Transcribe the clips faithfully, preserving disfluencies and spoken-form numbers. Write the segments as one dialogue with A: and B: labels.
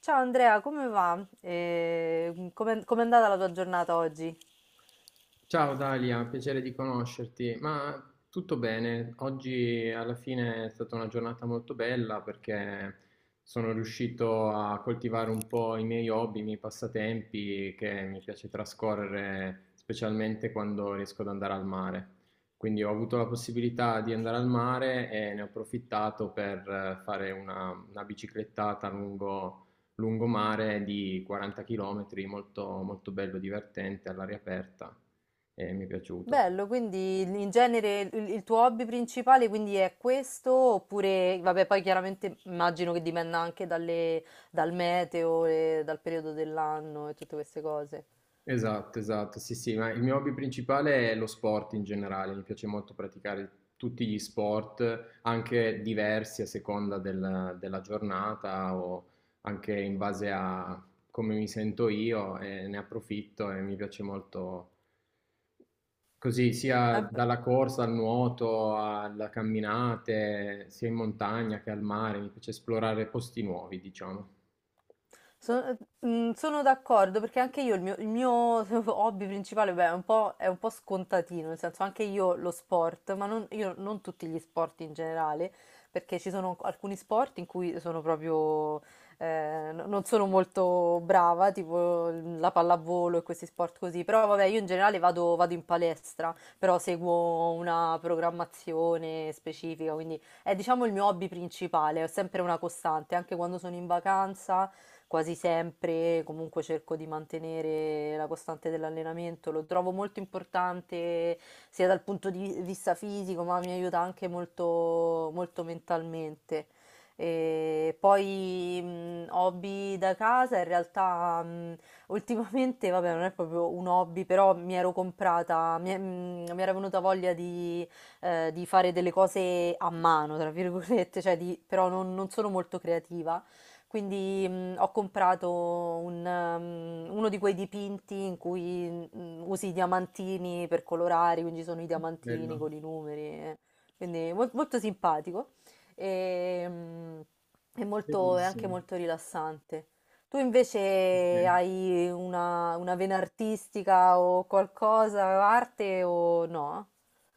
A: Ciao Andrea, come va? Eh, come, com'è andata la tua giornata oggi?
B: Ciao Dalia, piacere di conoscerti. Ma tutto bene, oggi alla fine è stata una giornata molto bella perché sono riuscito a coltivare un po' i miei hobby, i miei passatempi che mi piace trascorrere specialmente quando riesco ad andare al mare. Quindi ho avuto la possibilità di andare al mare e ne ho approfittato per eh, fare una, una biciclettata lungo, lungomare di quaranta chilometri, molto, molto bello, divertente, all'aria aperta. E mi è piaciuto.
A: Bello, quindi in genere il, il tuo hobby principale quindi è questo, oppure, vabbè, poi chiaramente immagino che dipenda anche dalle- dal meteo e dal periodo dell'anno e tutte queste cose.
B: Esatto, esatto, sì, sì, ma il mio hobby principale è lo sport in generale, mi piace molto praticare tutti gli sport, anche diversi a seconda del- della giornata o anche in base a come mi sento io e ne approfitto e mi piace molto così, sia dalla corsa al nuoto, alla camminate, sia in montagna che al mare, mi piace esplorare posti nuovi, diciamo.
A: Sono, mm, Sono d'accordo perché anche io il mio, il mio hobby principale beh, è un po', è un po' scontatino, nel senso anche io lo sport, ma non, io non tutti gli sport in generale, perché ci sono alcuni sport in cui sono proprio, eh, no- non sono molto brava, tipo la pallavolo e questi sport così, però vabbè io in generale vado, vado in palestra, però seguo una programmazione specifica, quindi è diciamo il mio hobby principale, è sempre una costante, anche quando sono in vacanza quasi sempre, comunque cerco di mantenere la costante dell'allenamento, lo trovo molto importante sia dal punto di vista fisico, ma mi aiuta anche molto, molto mentalmente. E poi mh, hobby da casa, in realtà mh, ultimamente, vabbè, non è proprio un hobby, però mi ero comprata, mi, è- mh, mi era venuta voglia di, eh, di fare delle cose a mano, tra virgolette, cioè di- però non non sono molto creativa quindi, mhmm, ho comprato un mhmm, uno di quei dipinti in cui, mhmm, usi i diamantini per colorare, quindi sono i diamantini
B: Bello,
A: con i numeri, eh. Quindi mol molto simpatico, ehm, e mh, è molto è anche
B: bellissimo.
A: molto rilassante. Tu invece
B: Ok.
A: hai una una vena artistica o qualcosa, arte o no?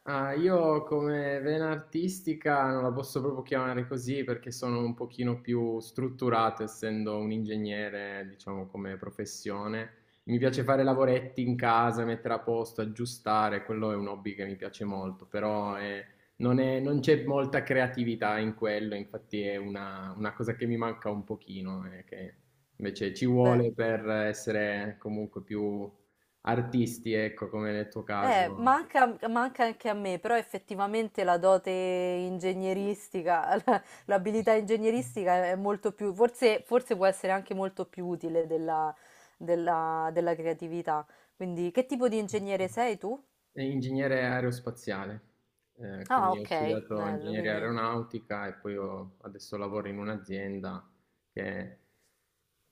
B: Ah, io come vena artistica non la posso proprio chiamare così perché sono un pochino più strutturato, essendo un ingegnere, diciamo, come professione. Mi piace fare lavoretti in casa, mettere a posto, aggiustare, quello è un hobby che mi piace molto, però eh, non è- non c'è molta creatività in quello, infatti è una, una cosa che mi manca un pochino, eh, che invece ci
A: Beh,
B: vuole per essere comunque più artisti, ecco, come nel tuo
A: Eh,
B: caso.
A: manca, manca anche a me, però effettivamente la dote ingegneristica, la- l'abilità ingegneristica è molto più, forse, forse può essere anche molto più utile della, della- della creatività. Quindi, che tipo di ingegnere sei tu?
B: È ingegnere aerospaziale, eh,
A: Ah,
B: quindi ho
A: ok,
B: studiato
A: bello,
B: ingegneria
A: quindi...
B: aeronautica e poi ho- adesso lavoro in un'azienda che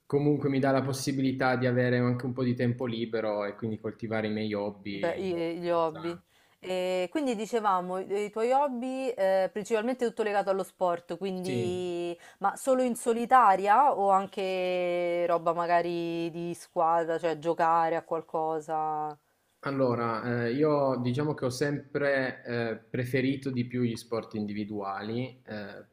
B: comunque mi dà la possibilità di avere anche un po' di tempo libero e quindi coltivare i miei
A: Beh, i-
B: hobby.
A: eh, gli hobby.
B: Esatto.
A: E quindi dicevamo, i i tuoi hobby eh, principalmente tutto legato allo sport,
B: Sì,
A: quindi ma solo in solitaria o anche roba magari di squadra, cioè giocare a qualcosa?
B: allora, eh, io diciamo che ho sempre eh, preferito di più gli sport individuali, eh,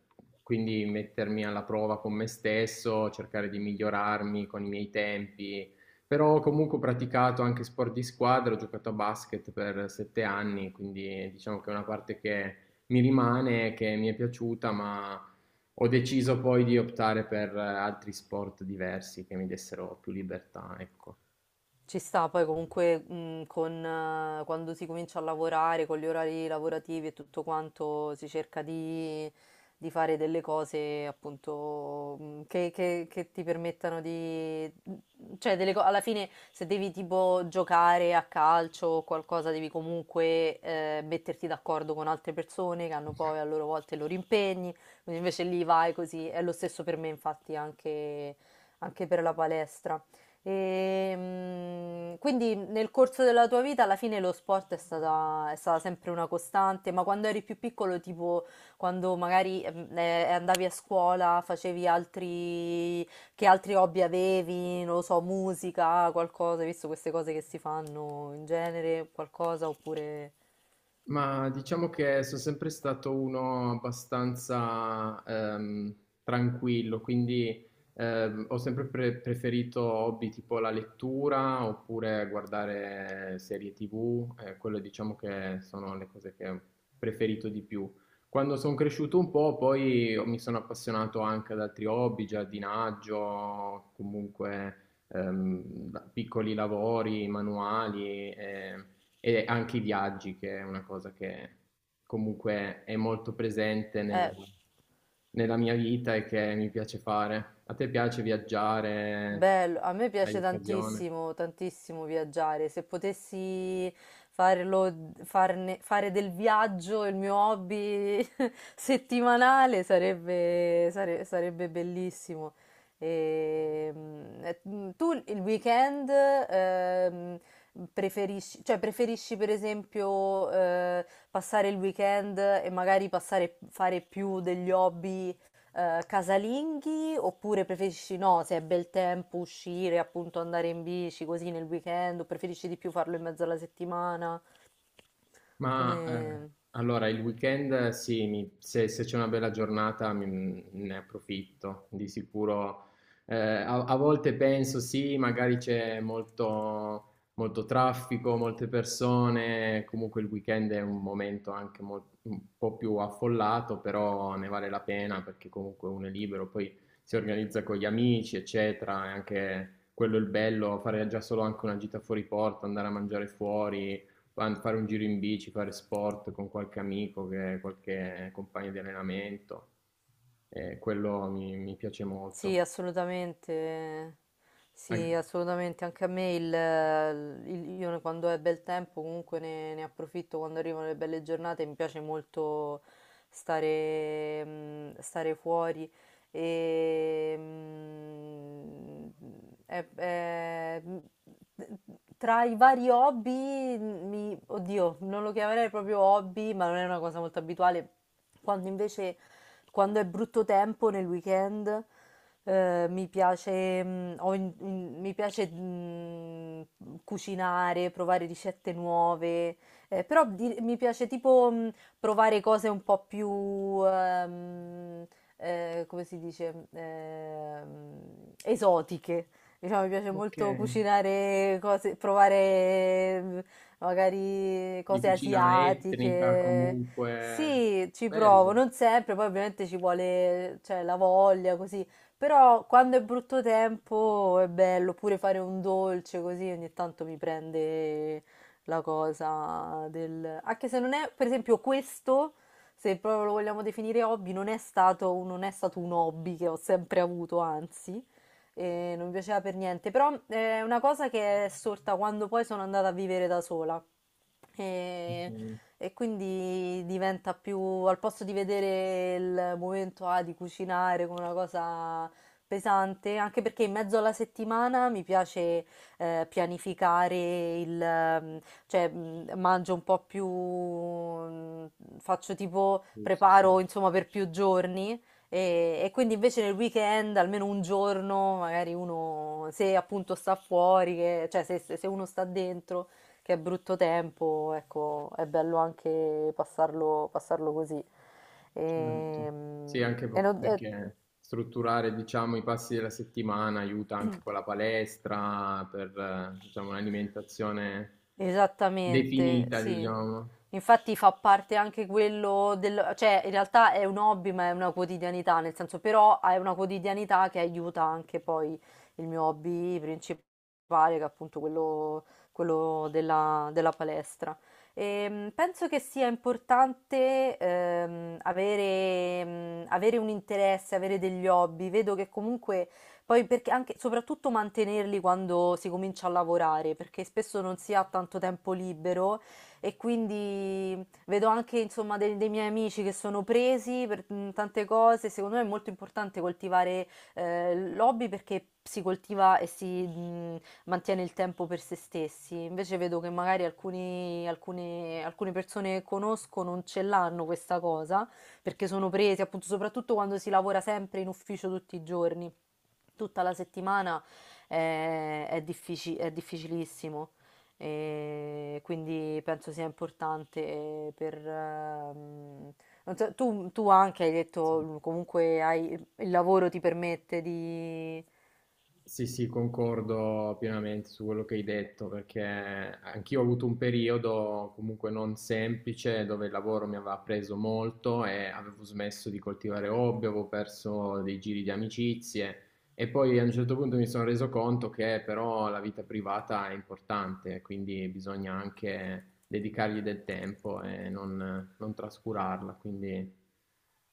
B: quindi mettermi alla prova con me stesso, cercare di migliorarmi con i miei tempi, però ho comunque praticato anche sport di squadra, ho giocato a basket per sette anni, quindi diciamo che è una parte che mi rimane, che mi è piaciuta, ma ho deciso poi di optare per eh, altri sport diversi che mi dessero più libertà, ecco.
A: Ci sta, poi comunque mh, con, eh, quando si comincia a lavorare, con gli orari lavorativi e tutto quanto, si cerca di, di fare delle cose appunto mh, che, che- che ti permettano di... cioè delle co- alla fine se devi tipo giocare a calcio o qualcosa devi comunque eh, metterti d'accordo con altre persone che hanno poi a loro volta i loro impegni, quindi invece lì vai così, è lo stesso per me infatti anche anche per la palestra. E, mh, quindi nel corso della tua vita alla fine lo sport è stata, è stata sempre una costante, ma quando eri più piccolo, tipo quando magari ehm, eh, andavi a scuola, facevi altri, che altri hobby avevi, non lo so, musica, qualcosa, hai visto queste cose che si fanno in genere, qualcosa oppure...
B: Ma diciamo che sono sempre stato uno abbastanza ehm, tranquillo, quindi ehm, ho sempre pre- preferito hobby tipo la lettura oppure guardare serie T V, eh, quelle diciamo che sono le cose che ho preferito di più. Quando sono cresciuto un po', poi mi sono appassionato anche ad altri hobby, giardinaggio, comunque ehm, piccoli lavori, manuali. Eh, e anche i viaggi, che è una cosa che comunque è molto presente nel-
A: Eh,
B: nella mia vita e che mi piace fare. A te piace viaggiare?
A: bello, a me
B: Hai
A: piace
B: occasione?
A: tantissimo, tantissimo viaggiare. Se potessi farlo, farne- fare del viaggio il mio hobby settimanale sarebbe, sare- sarebbe bellissimo. Ehm, E, mm, eh, mm, tu il weekend ehm, preferisci, cioè preferisci per esempio eh, passare il weekend e magari passare, fare più degli hobby eh, casalinghi oppure preferisci no, se è bel tempo uscire, appunto andare in bici così nel weekend o preferisci di più farlo in mezzo alla settimana?
B: Ma eh,
A: Come...
B: allora il weekend eh, sì, mi- se, se c'è una bella giornata mi- ne approfitto di sicuro. Eh, a, a volte penso sì, magari c'è molto, molto traffico, molte persone, comunque il weekend è un momento anche mol- un po' più affollato, però ne vale la pena perché comunque uno è libero, poi si organizza con gli amici, eccetera, e anche quello è il bello, fare già solo anche una gita fuori porta, andare a mangiare fuori. Fa- Fare un giro in bici, fare sport con qualche amico, che- qualche compagno di allenamento, eh, quello mi, mi piace molto.
A: Sì, assolutamente. Sì,
B: An-
A: assolutamente. Anche a me il, il- io quando è bel tempo comunque ne, ne approfitto quando arrivano le belle giornate. Mi piace molto stare, mm, stare fuori e mm, è- è- mm, tra i vari hobby, mi, oddio, non lo chiamerei proprio hobby, ma non è una cosa molto abituale. Quando invece Quando è brutto tempo nel weekend, eh, mi piace, mm, ho in- in- mi piace mm, cucinare, provare ricette nuove, eh, però di- mi piace tipo mm, provare cose un po' più, ehm, eh, come si dice, ehm, esotiche. Diciamo, mi piace
B: Ok.
A: molto cucinare cose, provare magari
B: Di
A: cose
B: cucina etnica
A: asiatiche.
B: comunque,
A: Sì, ci provo,
B: bello.
A: non sempre, poi ovviamente ci vuole, cioè, la voglia, così. Però quando è brutto tempo è bello, oppure fare un dolce così ogni tanto mi prende la cosa del... Anche se non è, per esempio, questo, se proprio lo vogliamo definire hobby, non è stato, un- non è stato un hobby che ho sempre avuto, anzi e non mi piaceva per niente, però eh, è una cosa che è sorta quando poi sono andata a vivere da sola e,
B: Mm,
A: e quindi diventa più, al posto di vedere il momento ah, di cucinare come una cosa pesante, anche perché in mezzo alla settimana mi piace eh, pianificare il, ehm, cioè mh, mangio un po' più, mh, faccio tipo,
B: giusto, sì,
A: preparo insomma per più giorni e, e quindi invece nel weekend, almeno un giorno, magari uno, se appunto sta fuori, che- cioè se, se- se uno sta dentro, che è brutto tempo, ecco, è bello anche passarlo, passarlo così.
B: certo. Sì,
A: Ehm,
B: anche
A: E,
B: po-
A: non- eh,
B: perché strutturare, diciamo, i passi della settimana aiuta anche con la palestra per, eh, diciamo, un'alimentazione
A: Esattamente,
B: definita,
A: sì.
B: diciamo.
A: Infatti fa parte anche quello del... cioè in realtà è un hobby ma è una quotidianità, nel senso però è una quotidianità che aiuta anche poi il mio hobby principale, che è appunto quello, quello della, della palestra. Ehm, penso che sia importante ehm, avere, mm, avere un interesse, avere degli hobby. Vedo che comunque poi perché anche, soprattutto mantenerli quando si comincia a lavorare, perché spesso non si ha tanto tempo libero e quindi vedo anche insomma dei, dei miei amici che sono presi per mm, tante cose. Secondo me è molto importante coltivare eh, l'hobby perché si coltiva e si mm, mantiene il tempo per se stessi. Invece vedo che magari alcuni- alcune, alcune persone che conosco non ce l'hanno questa cosa perché sono presi, appunto, soprattutto quando si lavora sempre in ufficio tutti i giorni. Tutta la settimana è, è diffici- è difficilissimo, e quindi penso sia importante per... ehm, non so, tu, tu anche hai detto, comunque hai- il lavoro ti permette di...
B: Sì, sì, concordo pienamente su quello che hai detto, perché anch'io ho avuto un periodo comunque non semplice dove il lavoro mi aveva preso molto e avevo smesso di coltivare hobby, avevo perso dei giri di amicizie e poi a un certo punto mi sono reso conto che però la vita privata è importante, quindi bisogna anche dedicargli del tempo e non, non trascurarla, quindi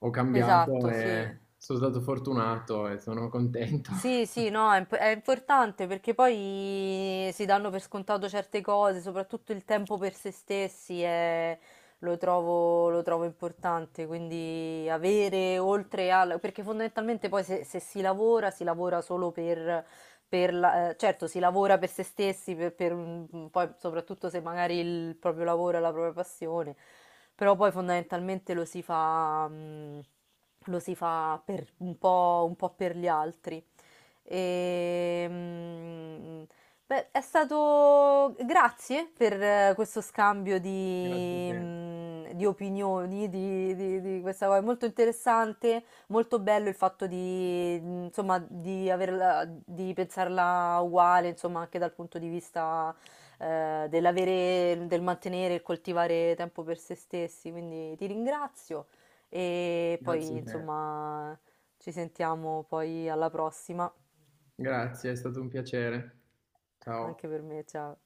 B: ho cambiato
A: Esatto, sì.
B: e sono stato fortunato e sono contento.
A: Sì, sì, no, è, imp- È importante perché poi si danno per scontato certe cose, soprattutto il tempo per se stessi è- lo trovo, lo trovo importante, quindi avere oltre al... perché fondamentalmente poi se, se si lavora, si lavora solo per... per la- eh, certo, si lavora per se stessi, per- per un- poi soprattutto se magari il proprio lavoro è la propria passione, però poi fondamentalmente lo si fa, mm, lo si fa per un po', un po' per gli altri. E, mm, Beh, è stato... Grazie per eh, questo scambio
B: Grazie a
A: di,
B: te,
A: mm, di opinioni, di, di- di questa cosa. È molto interessante, molto bello il fatto di, mm, insomma, di averla, di pensarla uguale, insomma, anche dal punto di vista, eh, dell'avere, del mantenere e coltivare tempo per se stessi. Quindi ti ringrazio e
B: grazie
A: poi,
B: a te.
A: insomma, ci sentiamo poi alla prossima.
B: Grazie, è stato un piacere. Ciao.
A: Anche per me, ciao.